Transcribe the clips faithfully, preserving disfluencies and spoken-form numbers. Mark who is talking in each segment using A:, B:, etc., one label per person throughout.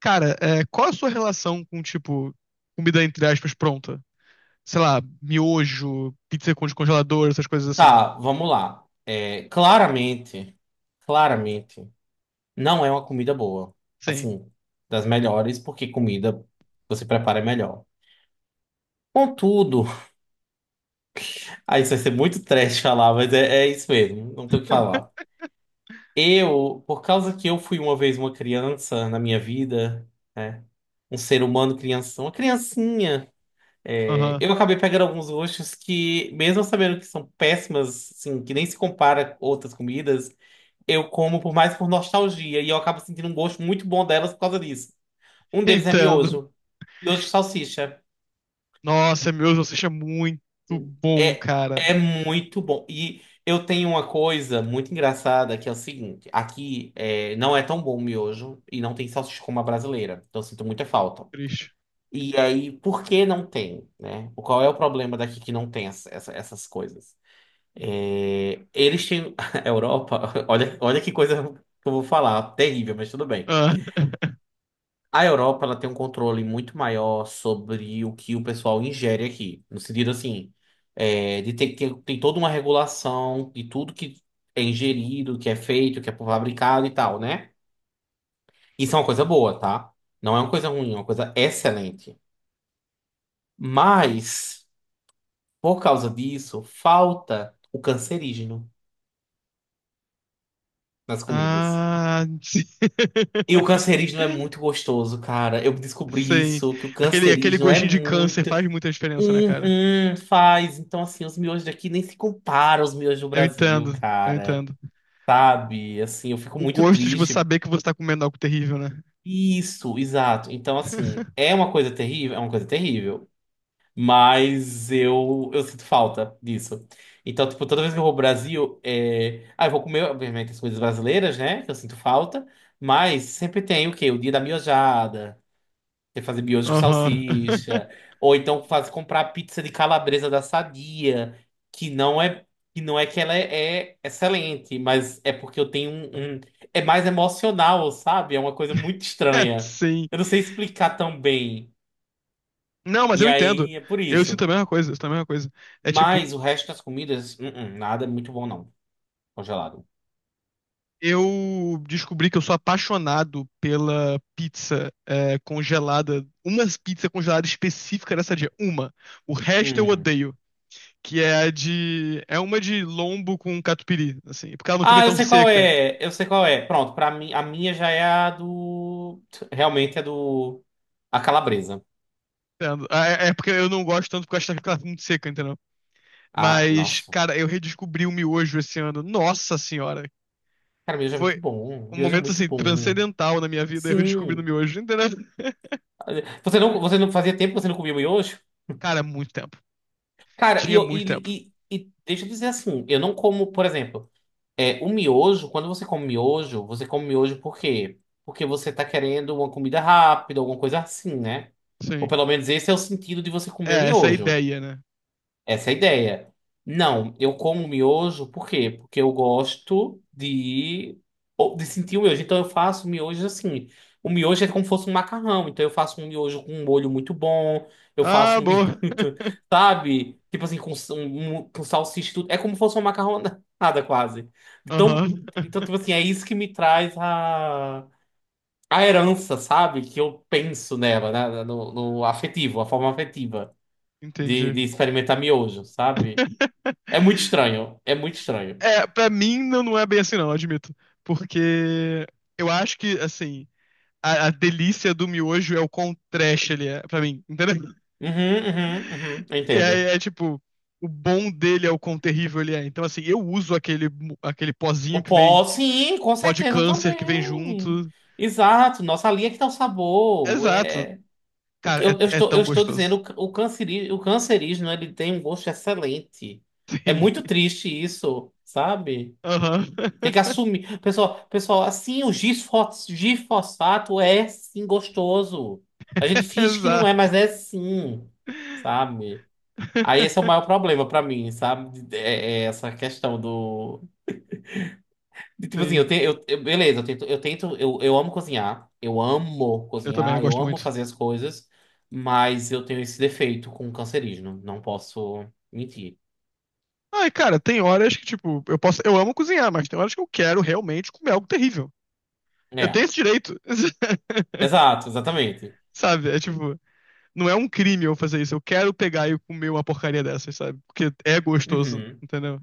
A: Cara, é, qual a sua relação com, tipo, comida entre aspas pronta? Sei lá, miojo, pizza com descongelador, essas coisas assim.
B: Tá, vamos lá. É, claramente, claramente, não é uma comida boa.
A: Sim.
B: Assim, das melhores, porque comida você prepara é melhor. Contudo, aí isso vai ser muito trash falar, mas é, é isso mesmo, não tem o que falar. Eu, por causa que eu fui uma vez uma criança na minha vida, né? Um ser humano criança, uma criancinha, é,
A: Aham.
B: eu acabei pegando alguns gostos que, mesmo sabendo que são péssimas, assim, que nem se compara com outras comidas. Eu como por mais por nostalgia e eu acabo sentindo um gosto muito bom delas por causa disso. Um deles é
A: Entendo.
B: miojo. Miojo de salsicha.
A: Nossa, miojo você é muito bom,
B: É,
A: cara.
B: é muito bom. E eu tenho uma coisa muito engraçada que é o seguinte: aqui é, não é tão bom o miojo e não tem salsicha como a brasileira. Então eu sinto muita falta.
A: Triste.
B: E aí, por que não tem, né? Qual é o problema daqui que não tem essa- essa- essas coisas? É, eles têm. A Europa, olha, olha que coisa que eu vou falar, terrível, mas tudo bem.
A: Ah,
B: A Europa ela tem um controle muito maior sobre o que o pessoal ingere aqui, no sentido assim, é, de ter, ter- tem toda uma regulação de tudo que é ingerido, que é feito, que é fabricado e tal, né? Isso é uma coisa boa, tá? Não é uma coisa ruim, é uma coisa excelente. Mas, por causa disso, falta o cancerígeno nas comidas.
A: ah sim.
B: E o cancerígeno é muito gostoso, cara. Eu descobri
A: Sim.
B: isso, que o
A: Aquele, aquele
B: cancerígeno é
A: gostinho de câncer
B: muito.
A: faz muita diferença, né, cara?
B: Uhum, faz. Então, assim, os miojos daqui nem se comparam aos miojos do
A: Eu
B: Brasil,
A: entendo, eu
B: cara.
A: entendo.
B: Sabe? Assim, eu fico
A: O
B: muito
A: gosto de você
B: triste.
A: saber que você tá comendo algo terrível, né?
B: Isso, exato. Então, assim, é uma coisa terrível, é uma coisa terrível. Mas eu, eu sinto falta disso. Então, tipo, toda vez que eu vou ao Brasil, é... ah, eu vou comer, obviamente, as coisas brasileiras, né? Que eu sinto falta. Mas sempre tem o quê? O dia da miojada. Você fazer miojo com
A: Aham.
B: salsicha, ou então faz comprar pizza de calabresa da Sadia, que não é que não é que ela é, é excelente, mas é porque eu tenho um, um- é mais emocional, sabe? É uma coisa muito estranha.
A: Sim.
B: Eu não sei explicar tão bem.
A: Não, mas
B: E
A: eu entendo.
B: aí é por
A: Eu sinto
B: isso.
A: a mesma coisa, eu sinto a mesma coisa. É tipo,
B: Mas o resto das comidas, hum, hum, nada é muito bom não, congelado.
A: eu descobri que eu sou apaixonado pela pizza é, congelada, uma pizza congelada específica dessa dia, uma. O resto eu
B: Hum.
A: odeio, que é a de, é uma de lombo com catupiry, assim, porque ela não fica
B: Ah, eu
A: tão
B: sei qual
A: seca.
B: é. Eu sei qual é. Pronto, para mim a minha já é a do realmente é do a calabresa.
A: entendo? Ah, É é porque eu não gosto tanto porque eu acho que ela fica muito seca, entendeu?
B: Ah,
A: Mas,
B: nossa.
A: cara, eu redescobri o miojo esse ano. Nossa senhora,
B: Cara, miojo é muito
A: foi
B: bom.
A: um
B: Miojo é
A: momento
B: muito
A: assim
B: bom.
A: transcendental na minha vida, eu redescobri no
B: Sim.
A: miojo, entendeu?
B: Você não, você não fazia tempo que você não comia miojo?
A: Cara, muito tempo.
B: Cara, e,
A: Tinha
B: eu-
A: muito tempo.
B: e, e, e deixa eu dizer assim, eu não como, por exemplo, é, o miojo, quando você come miojo, você come miojo por quê? Porque você tá querendo uma comida rápida, alguma coisa assim, né? Ou
A: Sim.
B: pelo menos esse é o sentido de você comer o
A: É, essa é a
B: miojo.
A: ideia, né?
B: Essa é a ideia. Não, eu como miojo, por quê? Porque eu gosto de, ou- de sentir o miojo. Então eu faço miojo assim. O miojo é como se fosse um macarrão. Então eu faço um miojo com um molho muito bom. Eu
A: Ah,
B: faço um miojo,
A: boa.
B: sabe? Tipo assim, com, s- um, um- com salsicha e tudo. É como se fosse uma macarronada quase. Então,
A: Aham.
B: então, tipo assim, é isso que me traz a, a herança, sabe? Que eu penso nela, né? No, no afetivo, a forma afetiva de,
A: Entendi.
B: de experimentar miojo, sabe? É muito estranho. É muito estranho.
A: É, pra mim não, não é bem assim, não, admito. Porque eu acho que, assim, a, a delícia do miojo é o quão trash ele é, pra mim, entendeu?
B: Uhum, uhum, uhum.
A: E aí
B: Entendo.
A: é tipo, o bom dele é o quão terrível ele é. Então, assim, eu uso aquele, mo- aquele
B: O
A: pozinho que vem,
B: pó, sim,
A: o
B: com
A: pó de
B: certeza
A: câncer que vem
B: também.
A: junto.
B: Exato. Nossa, ali é que tá o sabor.
A: Exato.
B: É... O que-
A: Cara, é,
B: Eu, eu
A: é
B: estou, eu
A: tão
B: estou dizendo,
A: gostoso.
B: o, ca- o, canceri, o cancerígeno, ele tem um gosto excelente. É
A: Sim.
B: muito triste isso, sabe?
A: Aham.
B: Tem que assumir. Pessoal, pessoal, assim, o gifos- gifosfato é, sim, gostoso. A gente finge que não é,
A: Exato.
B: mas é, sim. Sabe? Aí esse é o maior problema pra mim, sabe? É, é essa questão do. De, tipo assim, eu,
A: Sim,
B: tenho, eu, eu- beleza, eu tento, eu tento, eu, eu amo cozinhar, eu amo
A: eu também, eu
B: cozinhar, eu
A: gosto
B: amo
A: muito.
B: fazer as coisas, mas eu tenho esse defeito com o cancerígeno, não posso mentir.
A: Ai, cara, tem horas que, tipo, eu posso. Eu amo cozinhar, mas tem horas que eu quero realmente comer algo terrível. Eu tenho
B: É,
A: esse direito.
B: exato, exatamente.
A: Sabe? É tipo, não é um crime eu fazer isso. Eu quero pegar e comer uma porcaria dessas, sabe? Porque é gostoso,
B: Uhum,
A: entendeu?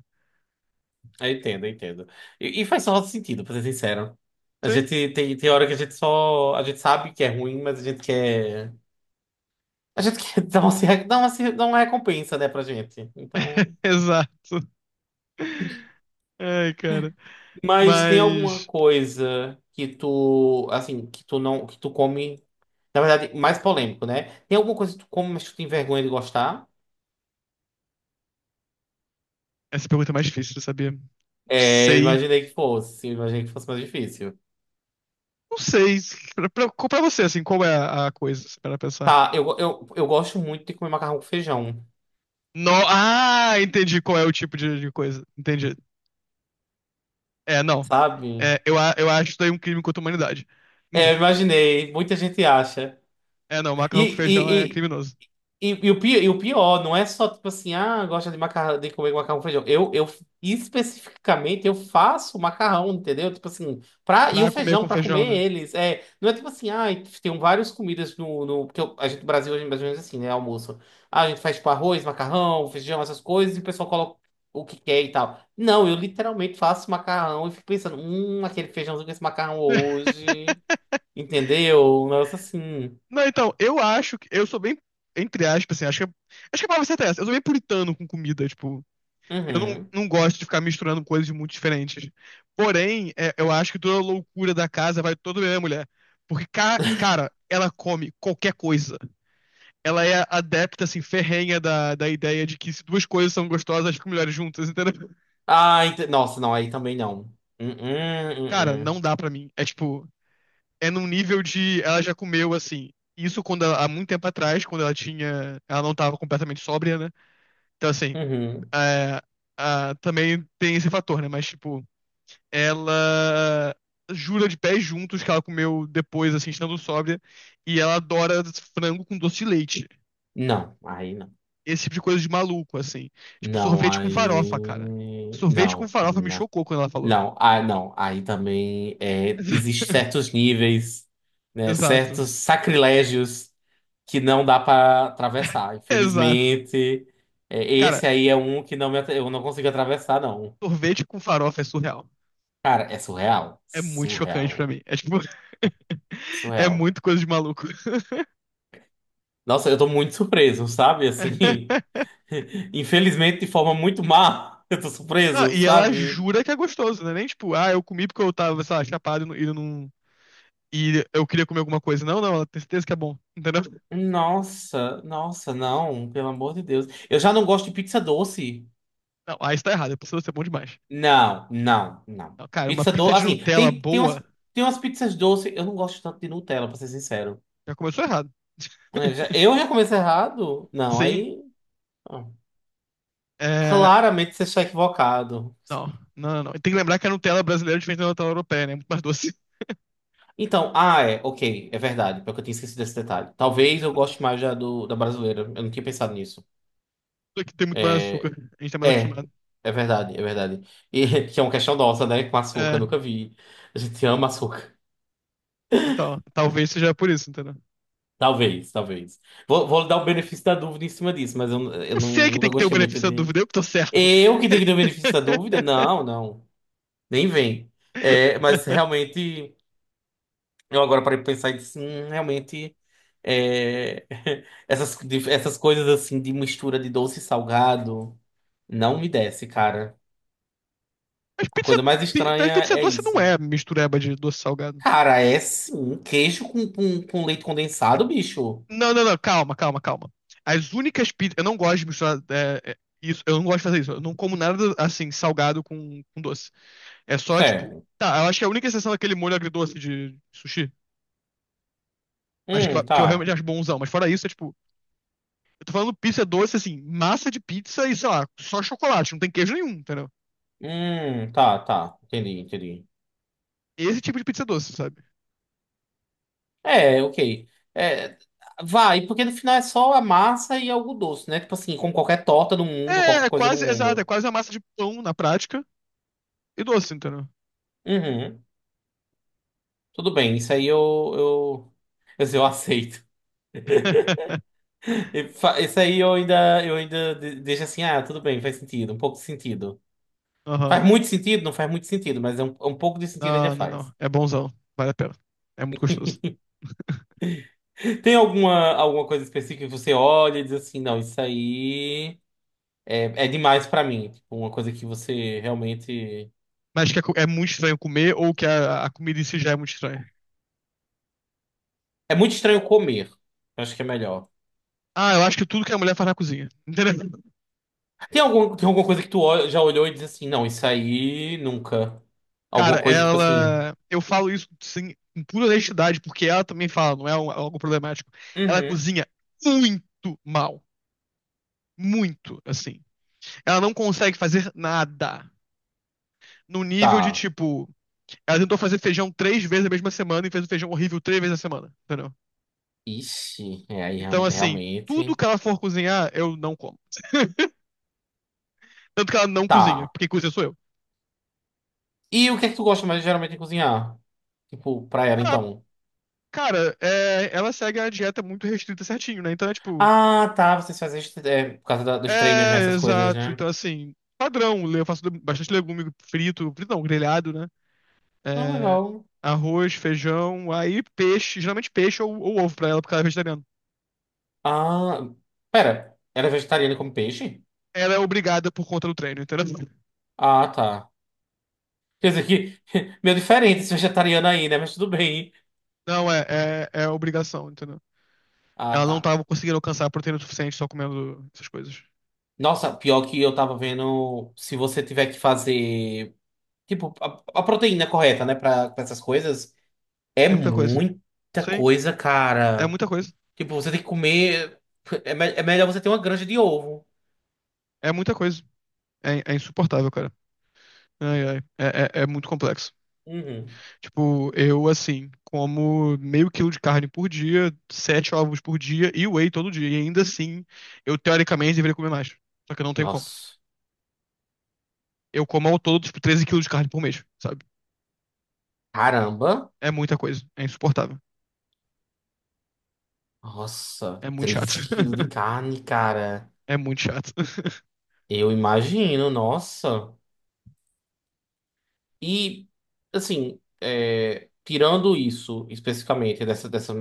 B: eu entendo, eu entendo. E, e faz só sentido, pra ser sincero. A
A: Sim.
B: gente tem, tem hora que a gente só. A gente sabe que é ruim, mas a gente quer. A gente quer dar uma, se- dar uma, se- dar uma recompensa, né, pra gente. Então.
A: Exato. Ai, cara.
B: Mas tem alguma
A: Mas
B: coisa que tu, assim, que tu não, que tu come, na verdade, mais polêmico, né? Tem alguma coisa que tu come, mas tu tem vergonha de gostar?
A: essa pergunta é mais difícil de saber. Não
B: É, eu
A: sei.
B: imaginei que fosse, eu imaginei que fosse mais difícil.
A: Não sei. Pra, pra, pra você, assim, qual é a, a coisa? Para pensar.
B: Tá, eu, eu, eu gosto muito de comer macarrão com feijão,
A: No... Ah, entendi qual é o tipo de, de coisa. Entendi. É, não.
B: sabe?
A: É, eu, a- eu acho isso daí é um crime contra a humanidade.
B: É, eu imaginei, muita gente acha.
A: É, não,
B: E,
A: macarrão com feijão é
B: e,
A: criminoso.
B: E, e o pior, e o pior, não é só tipo assim, ah, gosta de macarrão, de comer macarrão com feijão. Eu, eu especificamente eu faço macarrão, entendeu? Tipo assim, pra, e o
A: Pra comer
B: feijão
A: com
B: para comer
A: feijão, né?
B: eles. É, não é tipo assim, ah, tem várias comidas no, no porque eu- a gente no Brasil hoje é mais ou menos assim, né, almoço. Ah, a gente faz tipo arroz, macarrão, feijão, essas coisas e o pessoal coloca o que quer e tal. Não, eu literalmente faço macarrão e fico pensando, hum, aquele feijãozinho com esse macarrão hoje, entendeu? Um negócio assim.
A: Não, então, eu acho que. Eu sou bem, entre aspas, assim, acho que, acho que a palavra certa é essa. Eu sou bem puritano com comida, tipo. Eu não,
B: Uhum.
A: não gosto de ficar misturando coisas muito diferentes. Porém, é, eu acho que toda a loucura da casa vai toda bem a minha mulher. Porque, ca- cara, ela come qualquer coisa. ela é adepta, assim, ferrenha da, da ideia de que se duas coisas são gostosas, elas ficam melhores juntas, entendeu?
B: Ah, ent- nossa, não, aí também não. Hum,
A: Cara,
B: hum,
A: não
B: hum,
A: dá pra mim. É tipo, é num nível de ela já comeu, assim, isso quando ela- há muito tempo atrás, quando ela tinha, ela não tava completamente sóbria, né? Então, assim,
B: hum. Uhum.
A: é, ah, também tem esse fator, né? Mas, tipo, ela jura de pés juntos que ela comeu depois, assim, estando sóbria, e ela adora frango com doce de leite.
B: Não, aí não.
A: esse tipo de coisa de maluco, assim. Tipo,
B: Não,
A: sorvete com farofa, cara.
B: aí.
A: Sorvete com
B: Não,
A: farofa me
B: não.
A: chocou quando ela falou.
B: Não, ah, não. Aí também é, existem certos níveis, né,
A: Exato.
B: certos sacrilégios que não dá para atravessar.
A: Exato.
B: Infelizmente, é,
A: Cara,
B: esse aí é um que não me, atra- eu não consigo atravessar, não.
A: sorvete com farofa é surreal.
B: Cara, é surreal.
A: É muito chocante pra
B: Surreal.
A: mim. É tipo. É
B: Surreal.
A: muito coisa de maluco.
B: Nossa, eu tô muito surpreso, sabe? Assim. Infelizmente, de forma muito má, eu tô
A: Não,
B: surpreso,
A: e ela
B: sabe?
A: jura que é gostoso, né? Nem tipo, ah, eu comi porque eu tava, sei lá, chapado e não- e não. E eu queria comer alguma coisa. Não, não, ela tem certeza que é bom. Entendeu?
B: Nossa, nossa, não, pelo amor de Deus. Eu já não gosto de pizza doce.
A: Não, aí está errado. É possível ser bom demais.
B: Não, não, não.
A: Não, cara, uma
B: Pizza
A: pizza
B: doce,
A: de
B: assim,
A: Nutella
B: tem, tem umas,
A: boa
B: tem umas pizzas doces, eu não gosto tanto de Nutella, pra ser sincero.
A: já começou errado.
B: É, já- eu já comecei errado? Não,
A: Sim.
B: aí. Ó,
A: É...
B: claramente você está equivocado.
A: Não, não, não. não. E Tem que lembrar que a Nutella brasileira é diferente da Nutella europeia, né? É muito mais doce.
B: Então, ah, é, ok, é verdade, porque eu tinha esquecido esse detalhe. Talvez eu goste
A: Exato.
B: mais já do, da brasileira, eu não tinha pensado nisso.
A: Só que tem muito mais
B: É,
A: açúcar. A gente tá mais
B: É,
A: acostumado.
B: é verdade, é verdade. E que é uma questão nossa, né? Com açúcar,
A: É,
B: nunca vi. A gente ama açúcar.
A: então, talvez seja por isso, entendeu?
B: Talvez, talvez. Vou, vou dar o benefício da dúvida em cima disso, mas eu, eu
A: Eu
B: não,
A: sei que
B: nunca
A: tem que ter o
B: gostei muito
A: benefício da
B: de.
A: dúvida, eu que tô certo.
B: Eu que tenho que dar o benefício da dúvida? Não, não. Nem vem. É, mas realmente, eu agora parei pra pensar e disse, hum, realmente. É, essas, de- essas coisas assim de mistura de doce e salgado não me desce, cara.
A: Mas
B: A
A: pizza,
B: coisa mais
A: pi- mas
B: estranha
A: pizza
B: é
A: doce não
B: isso.
A: é mistureba de doce salgado.
B: Cara, é sim. Um queijo com, com, com leite condensado, bicho.
A: Não, não, não, calma, calma, calma. As únicas pizzas. Eu não gosto de misturar é, é, isso, eu não gosto de fazer isso. Eu não como nada assim, salgado com, com doce. É só tipo.
B: Certo.
A: Tá, eu acho que a única exceção é aquele molho agridoce de sushi. Mas que eu,
B: Hum,
A: que eu
B: tá.
A: realmente acho bonzão. Mas fora isso, é tipo, eu tô falando pizza doce, assim, massa de pizza e, sei lá, só chocolate, não tem queijo nenhum, entendeu?
B: Hum, tá, tá. Entendi, entendi.
A: Esse tipo de pizza doce, sabe?
B: É, ok. É, vai, porque no final é só a massa e algo doce, né? Tipo assim, como qualquer torta no mundo,
A: É,
B: qualquer
A: é
B: coisa no
A: quase, exato, é
B: mundo.
A: quase a massa de pão na prática e doce, entendeu?
B: Uhum. Tudo bem, isso aí eu, eu, eu, eu aceito. E fa- isso aí eu ainda, eu ainda de- deixo assim, ah, tudo bem, faz sentido, um pouco de sentido.
A: Aham.
B: Faz muito sentido? Não faz muito sentido, mas é um, um pouco de sentido ainda
A: Não, não,
B: faz.
A: não. É bonzão. Vale a pena. É muito gostoso.
B: Tem alguma, alguma coisa específica que você olha e diz assim, não, isso aí é, é demais pra mim. Tipo, uma coisa que você realmente...
A: Mas que é, co- é muito estranho comer ou que a, a comida em si já é muito estranha.
B: É muito estranho comer. Eu acho que é melhor.
A: Ah, eu acho que tudo que a mulher faz na cozinha. Entendeu?
B: Tem algum, tem alguma coisa que tu ol- já olhou e diz assim, não, isso aí nunca.
A: Cara,
B: Alguma coisa tipo assim,
A: ela. Eu falo isso sim, com pura honestidade, porque ela também fala, não é um- algo problemático. Ela
B: uhum,
A: cozinha muito mal. Muito, assim. Ela não consegue fazer nada. No nível de,
B: tá.
A: tipo, ela tentou fazer feijão três vezes na mesma semana e fez o feijão horrível três vezes na semana, entendeu?
B: Ixi, é aí
A: Então,
B: real-
A: assim, tudo
B: realmente.
A: que ela for cozinhar, eu não como. Tanto que ela não cozinha,
B: Tá.
A: porque cozinha sou eu.
B: E o que é que tu gosta mais geralmente de cozinhar? Tipo, pra ela,
A: Ah,
B: então.
A: cara, é, ela segue a dieta muito restrita certinho, né? Então é tipo.
B: Ah, tá, vocês fazem é, por causa da- dos treinos, né,
A: É,
B: essas coisas,
A: exato.
B: né?
A: Então, assim, padrão. Eu faço bastante legume frito, frito não, grelhado, né?
B: Ah,
A: É,
B: legal.
A: arroz, feijão, aí peixe, geralmente peixe ou, ou ovo pra ela, porque ela é vegetariana.
B: Ah, pera, ela é vegetariana e come peixe?
A: Ela é obrigada por conta do treino, entendeu?
B: Ah, tá. Quer dizer que meio diferente esse vegetariano aí, né? Mas tudo bem.
A: Não, é, é, é obrigação, entendeu?
B: Ah,
A: Ela
B: tá.
A: não tava conseguindo alcançar a proteína suficiente só comendo essas coisas.
B: Nossa, pior que eu tava vendo, se você tiver que fazer, tipo, a, a proteína correta, né, pra, pra essas coisas, é
A: É muita coisa.
B: muita
A: Sim,
B: coisa,
A: é
B: cara.
A: muita coisa.
B: Tipo, você tem que comer, é, me- é melhor você ter uma granja de ovo.
A: É muita coisa. É, é insuportável, cara. Ai, ai. É, é, é muito complexo.
B: Uhum.
A: Tipo, eu assim, como meio quilo de carne por dia, sete ovos por dia e whey todo dia. E ainda assim, eu teoricamente deveria comer mais. Só que eu não tenho como.
B: Nossa,
A: Eu como ao todo, tipo, treze quilos de carne por mês, sabe?
B: caramba.
A: É muita coisa. É insuportável. É
B: Nossa,
A: muito chato.
B: treze quilos de carne, cara.
A: É muito chato.
B: Eu imagino, nossa. E, assim, é, tirando isso especificamente, dessa, dessa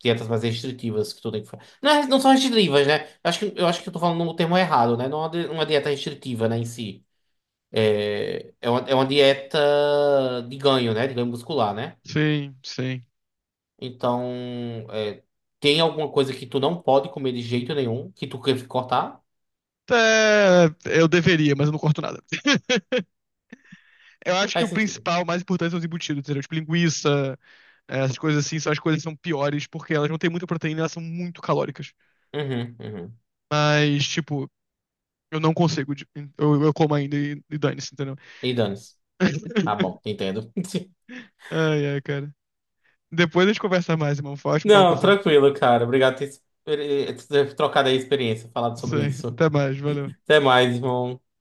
B: dietas mais restritivas que tu tem que fazer. Não, é- não são restritivas, né? Eu acho que, eu acho que eu tô falando no termo errado, né? Não é uma di- uma dieta restritiva, né, em si. É, é uma, é uma dieta de ganho, né? De ganho muscular, né?
A: Sim, sim.
B: Então, é, tem alguma coisa que tu não pode comer de jeito nenhum, que tu quer cortar?
A: É, eu deveria, mas eu não corto nada. Eu acho que o
B: Faz sentido.
A: principal, o mais importante são os embutidos, entendeu? Tipo, linguiça, eh, essas coisas assim, são as coisas que são piores, porque elas não têm muita proteína, elas são muito calóricas.
B: Uhum, uhum.
A: Mas, tipo, Eu não consigo. de- Eu, eu como ainda e, e dane-se, entendeu?
B: E dane-se. Tá bom, entendo.
A: Ai, ai, cara. Depois a gente conversa mais, irmão. Foi ótimo falar com
B: Não,
A: você.
B: tranquilo, cara. Obrigado por ter, por ter trocado aí a experiência, falado
A: Isso
B: sobre
A: aí.
B: isso.
A: Até mais. Valeu.
B: Até mais, irmão.